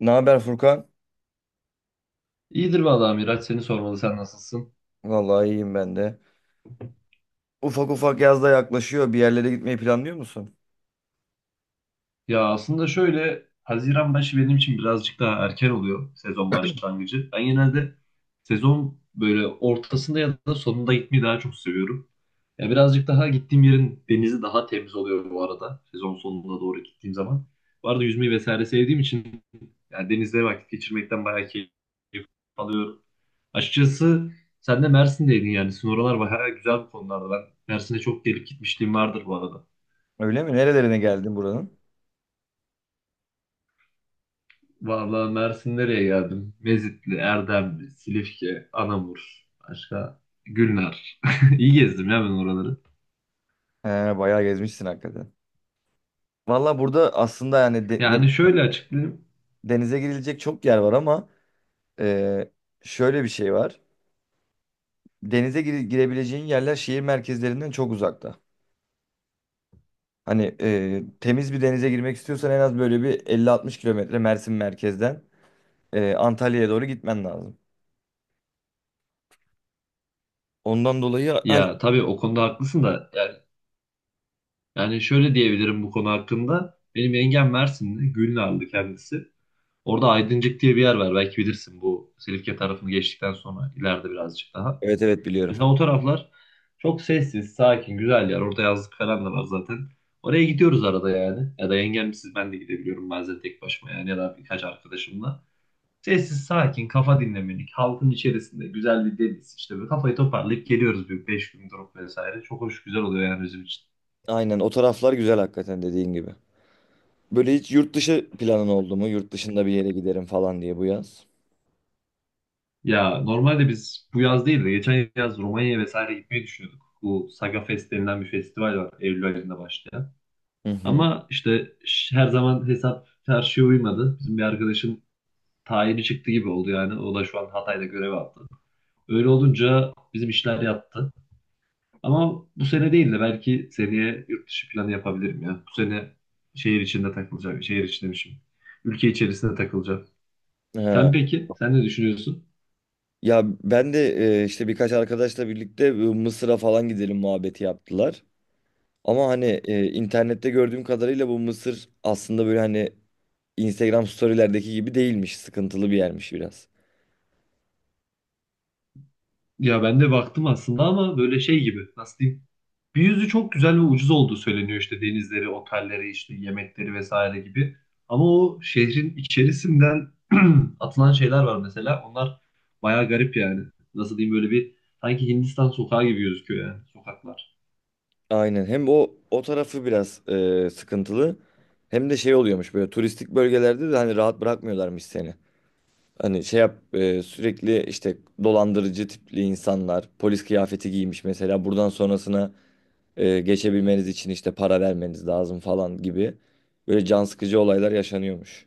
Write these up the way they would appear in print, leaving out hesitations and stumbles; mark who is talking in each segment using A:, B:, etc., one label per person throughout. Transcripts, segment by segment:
A: Ne haber Furkan?
B: İyidir vallahi Miraç, seni sormalı, sen nasılsın?
A: Vallahi iyiyim ben de. Ufak ufak yaz da yaklaşıyor. Bir yerlere gitmeyi planlıyor musun?
B: Ya aslında şöyle, Haziran başı benim için birazcık daha erken oluyor sezon başlangıcı. Ben genelde sezon böyle ortasında ya da sonunda gitmeyi daha çok seviyorum. Ya birazcık daha gittiğim yerin denizi daha temiz oluyor bu arada sezon sonuna doğru gittiğim zaman. Bu arada yüzmeyi vesaire sevdiğim için yani denizde vakit geçirmekten bayağı keyif alıyorum. Açıkçası sen de Mersin'deydin, yani sizin oralar bayağı güzel bu konularda. Ben Mersin'e çok gelip gitmişliğim vardır bu arada.
A: Öyle mi? Nerelerine geldin buranın?
B: Vallahi Mersin, nereye geldim? Mezitli, Erdemli, Silifke, Anamur, başka Gülnar. İyi gezdim ya ben oraları.
A: He, bayağı gezmişsin hakikaten. Vallahi burada aslında yani
B: Yani şöyle açıklayayım.
A: denize girilecek çok yer var ama e, şöyle bir şey var. Denize girebileceğin yerler şehir merkezlerinden çok uzakta. Hani temiz bir denize girmek istiyorsan en az böyle bir 50-60 kilometre Mersin merkezden Antalya'ya doğru gitmen lazım. Ondan dolayı hani
B: Ya tabii o konuda haklısın da, yani, yani şöyle diyebilirim bu konu hakkında. Benim yengem Mersinli, Gülnarlı kendisi. Orada Aydıncık diye bir yer var, belki bilirsin, bu Silifke tarafını geçtikten sonra ileride birazcık daha.
A: evet, evet, biliyorum.
B: Mesela o taraflar çok sessiz, sakin, güzel yer. Orada yazlık falan da var zaten. Oraya gidiyoruz arada yani. Ya da yengemsiz ben de gidebiliyorum bazen tek başıma yani, ya da birkaç arkadaşımla. Sessiz, sakin, kafa dinlemelik, halkın içerisinde güzel bir deniz, işte böyle kafayı toparlayıp geliyoruz bir 5 gün durup vesaire. Çok hoş, güzel oluyor yani bizim için.
A: Aynen, o taraflar güzel hakikaten dediğin gibi. Böyle hiç yurt dışı planın oldu mu? Yurt dışında bir yere giderim falan diye bu yaz.
B: Ya normalde biz bu yaz değil de geçen yaz Romanya'ya vesaire gitmeyi düşünüyorduk. Bu Saga Fest denilen bir festival var Eylül ayında başlayan.
A: Hı hı.
B: Ama işte her zaman hesap çarşıya uymadı. Bizim bir arkadaşın tayini çıktı gibi oldu yani. O da şu an Hatay'da görev aldı. Öyle olunca bizim işler yattı. Ama bu sene değil de belki seneye yurt dışı planı yapabilirim ya. Bu sene şehir içinde takılacağım. Şehir içi demişim. Ülke içerisinde takılacağım.
A: Ha.
B: Sen peki? Sen ne düşünüyorsun?
A: Ya ben de işte birkaç arkadaşla birlikte Mısır'a falan gidelim muhabbeti yaptılar. Ama hani internette gördüğüm kadarıyla bu Mısır aslında böyle hani Instagram storylerdeki gibi değilmiş. Sıkıntılı bir yermiş biraz.
B: Ya ben de baktım aslında ama böyle şey gibi. Nasıl diyeyim? Bir yüzü çok güzel ve ucuz olduğu söyleniyor, işte denizleri, otelleri, işte yemekleri vesaire gibi. Ama o şehrin içerisinden atılan şeyler var mesela. Onlar bayağı garip yani. Nasıl diyeyim, böyle bir sanki Hindistan sokağı gibi gözüküyor yani sokaklar.
A: Aynen, hem o tarafı biraz sıkıntılı hem de şey oluyormuş böyle turistik bölgelerde de hani rahat bırakmıyorlarmış seni. Hani şey yap sürekli işte dolandırıcı tipli insanlar polis kıyafeti giymiş mesela buradan sonrasına geçebilmeniz için işte para vermeniz lazım falan gibi böyle can sıkıcı olaylar yaşanıyormuş.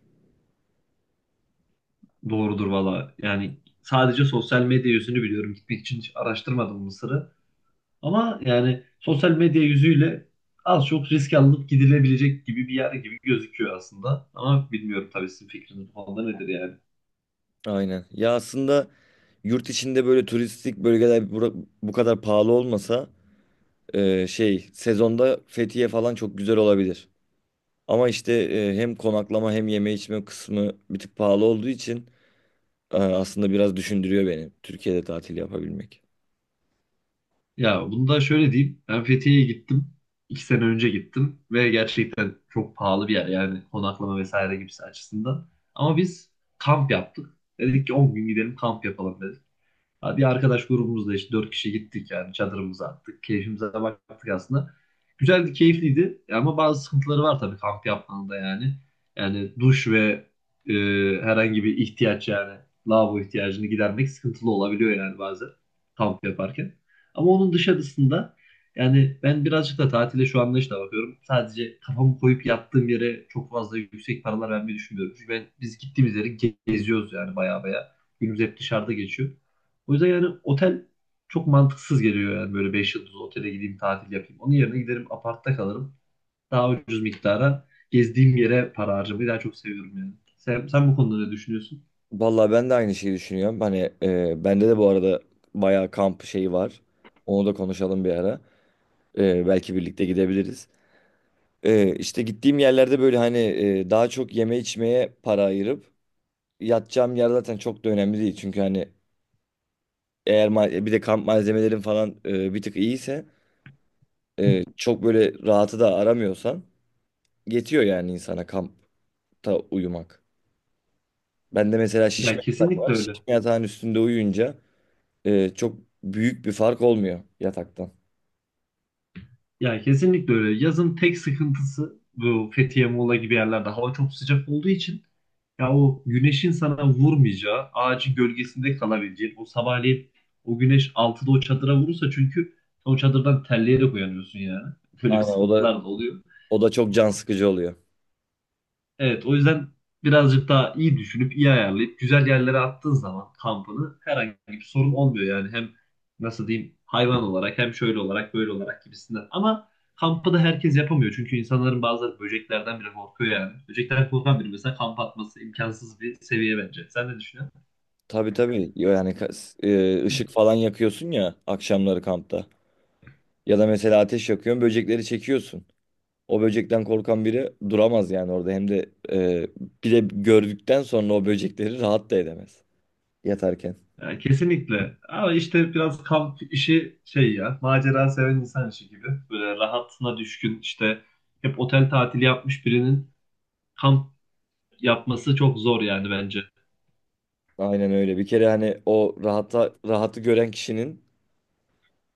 B: Doğrudur valla. Yani sadece sosyal medya yüzünü biliyorum. Gitmek için hiç araştırmadım Mısır'ı. Ama yani sosyal medya yüzüyle az çok risk alınıp gidilebilecek gibi bir yer gibi gözüküyor aslında. Ama bilmiyorum tabii, sizin fikriniz bu konuda nedir yani.
A: Aynen. Ya aslında yurt içinde böyle turistik bölgeler bu kadar pahalı olmasa şey sezonda Fethiye falan çok güzel olabilir. Ama işte hem konaklama hem yeme içme kısmı bir tık pahalı olduğu için aslında biraz düşündürüyor beni Türkiye'de tatil yapabilmek.
B: Ya bunu da şöyle diyeyim. Ben Fethiye'ye gittim. İki sene önce gittim ve gerçekten çok pahalı bir yer yani konaklama vesaire gibisi açısından. Ama biz kamp yaptık. Dedik ki 10 gün gidelim, kamp yapalım. Hadi, arkadaş grubumuzda işte dört kişi gittik yani, çadırımızı attık. Keyfimize baktık aslında. Güzeldi, keyifliydi ama bazı sıkıntıları var tabii kamp yapmanın da yani. Yani duş ve e, herhangi bir ihtiyaç, yani lavabo ihtiyacını gidermek sıkıntılı olabiliyor yani bazen kamp yaparken. Ama onun dışarısında, yani ben birazcık da tatile şu anlayışla bakıyorum. Sadece kafamı koyup yattığım yere çok fazla yüksek paralar vermeyi düşünmüyorum. Çünkü ben, biz gittiğimiz yeri geziyoruz yani baya baya. Günümüz hep dışarıda geçiyor. O yüzden yani otel çok mantıksız geliyor yani, böyle 5 yıldızlı otele gideyim tatil yapayım. Onun yerine giderim, apartta kalırım. Daha ucuz miktara gezdiğim yere para harcamayı daha çok seviyorum yani. Sen, sen bu konuda ne düşünüyorsun?
A: Vallahi ben de aynı şeyi düşünüyorum. Hani bende de bu arada bayağı kamp şeyi var. Onu da konuşalım bir ara. Belki birlikte gidebiliriz. İşte gittiğim yerlerde böyle hani daha çok yeme içmeye para ayırıp yatacağım yer zaten çok da önemli değil. Çünkü hani eğer bir de kamp malzemelerin falan bir tık iyiyse
B: Hı.
A: çok böyle rahatı da aramıyorsan yetiyor yani insana kampta uyumak. Ben de mesela
B: Ya
A: şişme yatak
B: kesinlikle
A: var.
B: öyle.
A: Şişme yatağın üstünde uyuyunca çok büyük bir fark olmuyor yataktan.
B: Ya kesinlikle öyle. Yazın tek sıkıntısı bu Fethiye, Muğla gibi yerlerde hava çok sıcak olduğu için ya o güneşin sana vurmayacağı, ağacın gölgesinde kalabileceğin, o sabahleyin o güneş altıda o çadıra vurursa çünkü o çadırdan terleyerek uyanıyorsun yani. Böyle bir
A: Aynen, o da
B: sıkıntılar da oluyor.
A: o da çok can sıkıcı oluyor.
B: Evet, o yüzden birazcık daha iyi düşünüp iyi ayarlayıp güzel yerlere attığın zaman kampını herhangi bir sorun olmuyor yani, hem nasıl diyeyim, hayvan olarak hem şöyle olarak böyle olarak gibisinden. Ama kampı da herkes yapamıyor çünkü insanların bazıları böceklerden bile korkuyor yani. Böcekten korkan biri mesela kamp atması imkansız bir seviye bence. Sen ne düşünüyorsun?
A: Tabii, tabii. Yo, yani ışık falan yakıyorsun ya akşamları kampta. Ya da mesela ateş yakıyorsun, böcekleri çekiyorsun. O böcekten korkan biri duramaz yani orada. Hem de bir de gördükten sonra o böcekleri rahat da edemez yatarken.
B: Ya, kesinlikle. Ama işte biraz kamp işi şey, ya macera seven insan işi gibi. Böyle rahatına düşkün, işte hep otel tatili yapmış birinin kamp yapması çok zor yani bence.
A: Aynen öyle. Bir kere hani o rahatı gören kişinin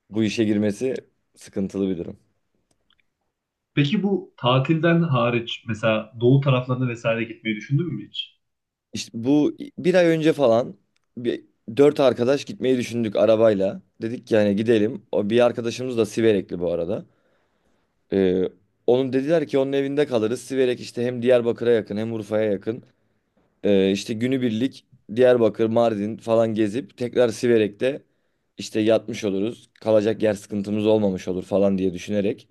A: bu işe girmesi sıkıntılı bir durum.
B: Peki bu tatilden hariç mesela doğu taraflarına vesaire gitmeyi düşündün mü hiç?
A: İşte bu bir ay önce falan bir dört arkadaş gitmeyi düşündük arabayla. Dedik ki hani gidelim. O bir arkadaşımız da Siverekli bu arada. Ee, Onun dediler ki onun evinde kalırız. Siverek işte hem Diyarbakır'a yakın hem Urfa'ya yakın. İşte günübirlik Diyarbakır, Mardin falan gezip tekrar Siverek'te işte yatmış oluruz. Kalacak yer sıkıntımız olmamış olur falan diye düşünerek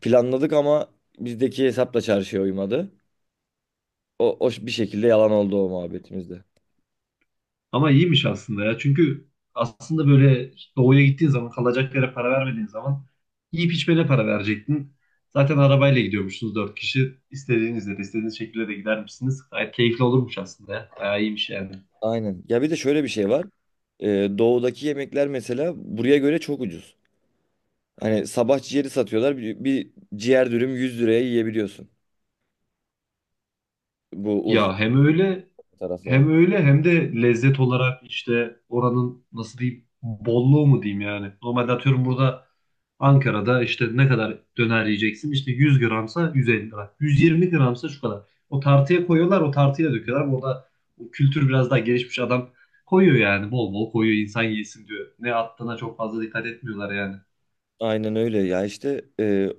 A: planladık ama bizdeki hesapla çarşıya uymadı. O bir şekilde yalan oldu o muhabbetimizde.
B: Ama iyiymiş aslında ya. Çünkü aslında böyle doğuya gittiğin zaman kalacak yere para vermediğin zaman yiyip içmene para verecektin. Zaten arabayla gidiyormuşsunuz dört kişi. İstediğinizde de istediğiniz şekilde de gider misiniz? Gayet keyifli olurmuş aslında ya. Bayağı iyiymiş yani.
A: Aynen. Ya bir de şöyle bir şey var. Ee, Doğudaki yemekler mesela buraya göre çok ucuz. Hani sabah ciğeri satıyorlar. Bir ciğer dürüm 100 liraya yiyebiliyorsun. Bu Urfa
B: Ya hem öyle hem
A: taraflarında.
B: öyle, hem de lezzet olarak işte oranın nasıl diyeyim bolluğu mu diyeyim yani. Normalde atıyorum burada Ankara'da işte ne kadar döner yiyeceksin? İşte 100 gramsa 150 lira. 120 gramsa şu kadar. O tartıya koyuyorlar, o tartıyla döküyorlar. Burada o kültür biraz daha gelişmiş, adam koyuyor yani, bol bol koyuyor, insan yesin diyor. Ne attığına çok fazla dikkat etmiyorlar yani.
A: Aynen öyle ya, işte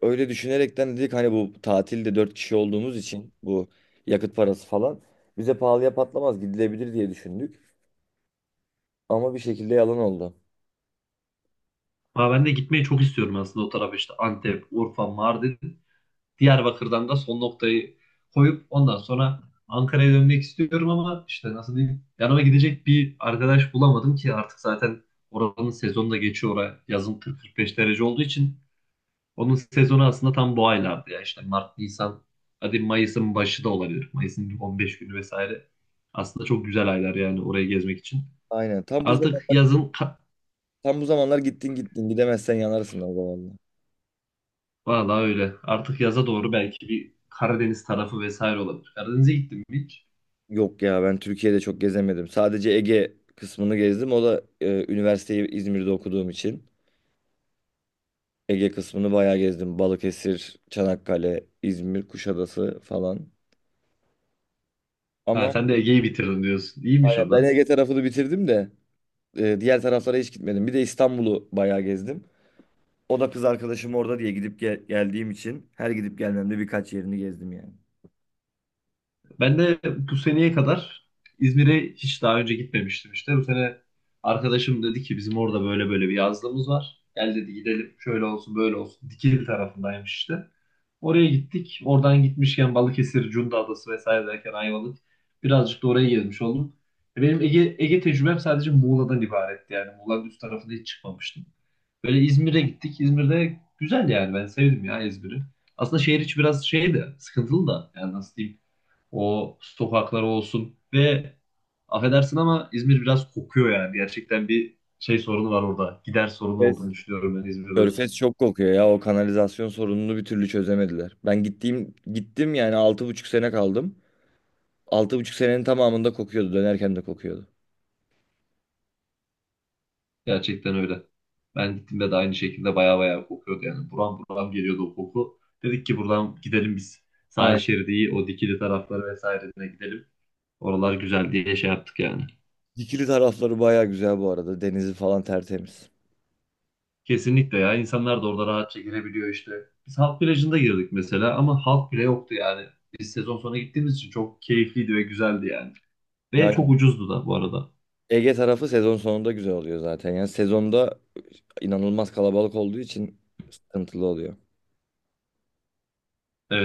A: öyle düşünerekten dedik hani bu tatilde 4 kişi olduğumuz için bu yakıt parası falan bize pahalıya patlamaz, gidilebilir diye düşündük. Ama bir şekilde yalan oldu.
B: Ama ben de gitmeyi çok istiyorum aslında o tarafa, işte Antep, Urfa, Mardin. Diyarbakır'dan da son noktayı koyup ondan sonra Ankara'ya dönmek istiyorum ama işte nasıl diyeyim yanıma gidecek bir arkadaş bulamadım ki, artık zaten oranın sezonu da geçiyor, oraya yazın 40-45 derece olduğu için. Onun sezonu aslında tam bu aylardı ya, işte Mart, Nisan, hadi Mayıs'ın başı da olabilir, Mayıs'ın 15 günü vesaire aslında çok güzel aylar yani orayı gezmek için
A: Aynen tam bu
B: artık
A: zamanlar,
B: yazın
A: tam bu zamanlar, gittin gidemezsen yanarsın o zamanlar.
B: Vallahi öyle. Artık yaza doğru belki bir Karadeniz tarafı vesaire olabilir. Karadeniz'e gittim mi hiç?
A: Yok ya, ben Türkiye'de çok gezemedim. Sadece Ege kısmını gezdim. O da üniversiteyi İzmir'de okuduğum için. Ege kısmını bayağı gezdim. Balıkesir, Çanakkale, İzmir, Kuşadası falan.
B: Ha,
A: Ama
B: sen de Ege'yi bitirdin diyorsun. İyiymiş
A: aynen,
B: o
A: ben
B: da.
A: Ege tarafını bitirdim de diğer taraflara hiç gitmedim. Bir de İstanbul'u bayağı gezdim. O da kız arkadaşım orada diye gidip geldiğim için her gidip gelmemde birkaç yerini gezdim yani.
B: Ben de bu seneye kadar İzmir'e hiç daha önce gitmemiştim işte. Bu sene arkadaşım dedi ki bizim orada böyle böyle bir yazlığımız var. Gel dedi, gidelim, şöyle olsun böyle olsun. Dikili tarafındaymış işte. Oraya gittik. Oradan gitmişken Balıkesir, Cunda Adası vesaire derken Ayvalık. Birazcık da oraya gezmiş oldum. E, benim Ege, Ege tecrübem sadece Muğla'dan ibaretti yani. Muğla'nın üst tarafında hiç çıkmamıştım. Böyle İzmir'e gittik. İzmir'de güzel yani, ben sevdim ya İzmir'i. Aslında şehir içi biraz şey de sıkıntılı da yani nasıl diyeyim. O sokakları olsun ve affedersin ama İzmir biraz kokuyor yani. Gerçekten bir şey sorunu var orada. Gider sorunu
A: Körfez,
B: olduğunu düşünüyorum ben İzmir'de.
A: Körfez çok kokuyor ya. O kanalizasyon sorununu bir türlü çözemediler. Ben gittim yani 6,5 sene kaldım. 6,5 senenin tamamında kokuyordu. Dönerken de kokuyordu.
B: Gerçekten öyle. Ben gittiğimde de aynı şekilde baya baya kokuyordu yani. Buram buram geliyordu o koku. Dedik ki buradan gidelim biz. Sahil
A: Aynen.
B: şeridiyi, o dikili tarafları vesairesine gidelim. Oralar güzel diye şey yaptık yani.
A: Dikili tarafları baya güzel bu arada. Denizi falan tertemiz.
B: Kesinlikle ya. İnsanlar da orada rahatça girebiliyor işte. Biz halk plajında girdik mesela ama halk bile yoktu yani. Biz sezon sonu gittiğimiz için çok keyifliydi ve güzeldi yani. Ve
A: Yani
B: çok ucuzdu da bu arada.
A: Ege tarafı sezon sonunda güzel oluyor zaten. Yani sezonda inanılmaz kalabalık olduğu için sıkıntılı oluyor.
B: Ee,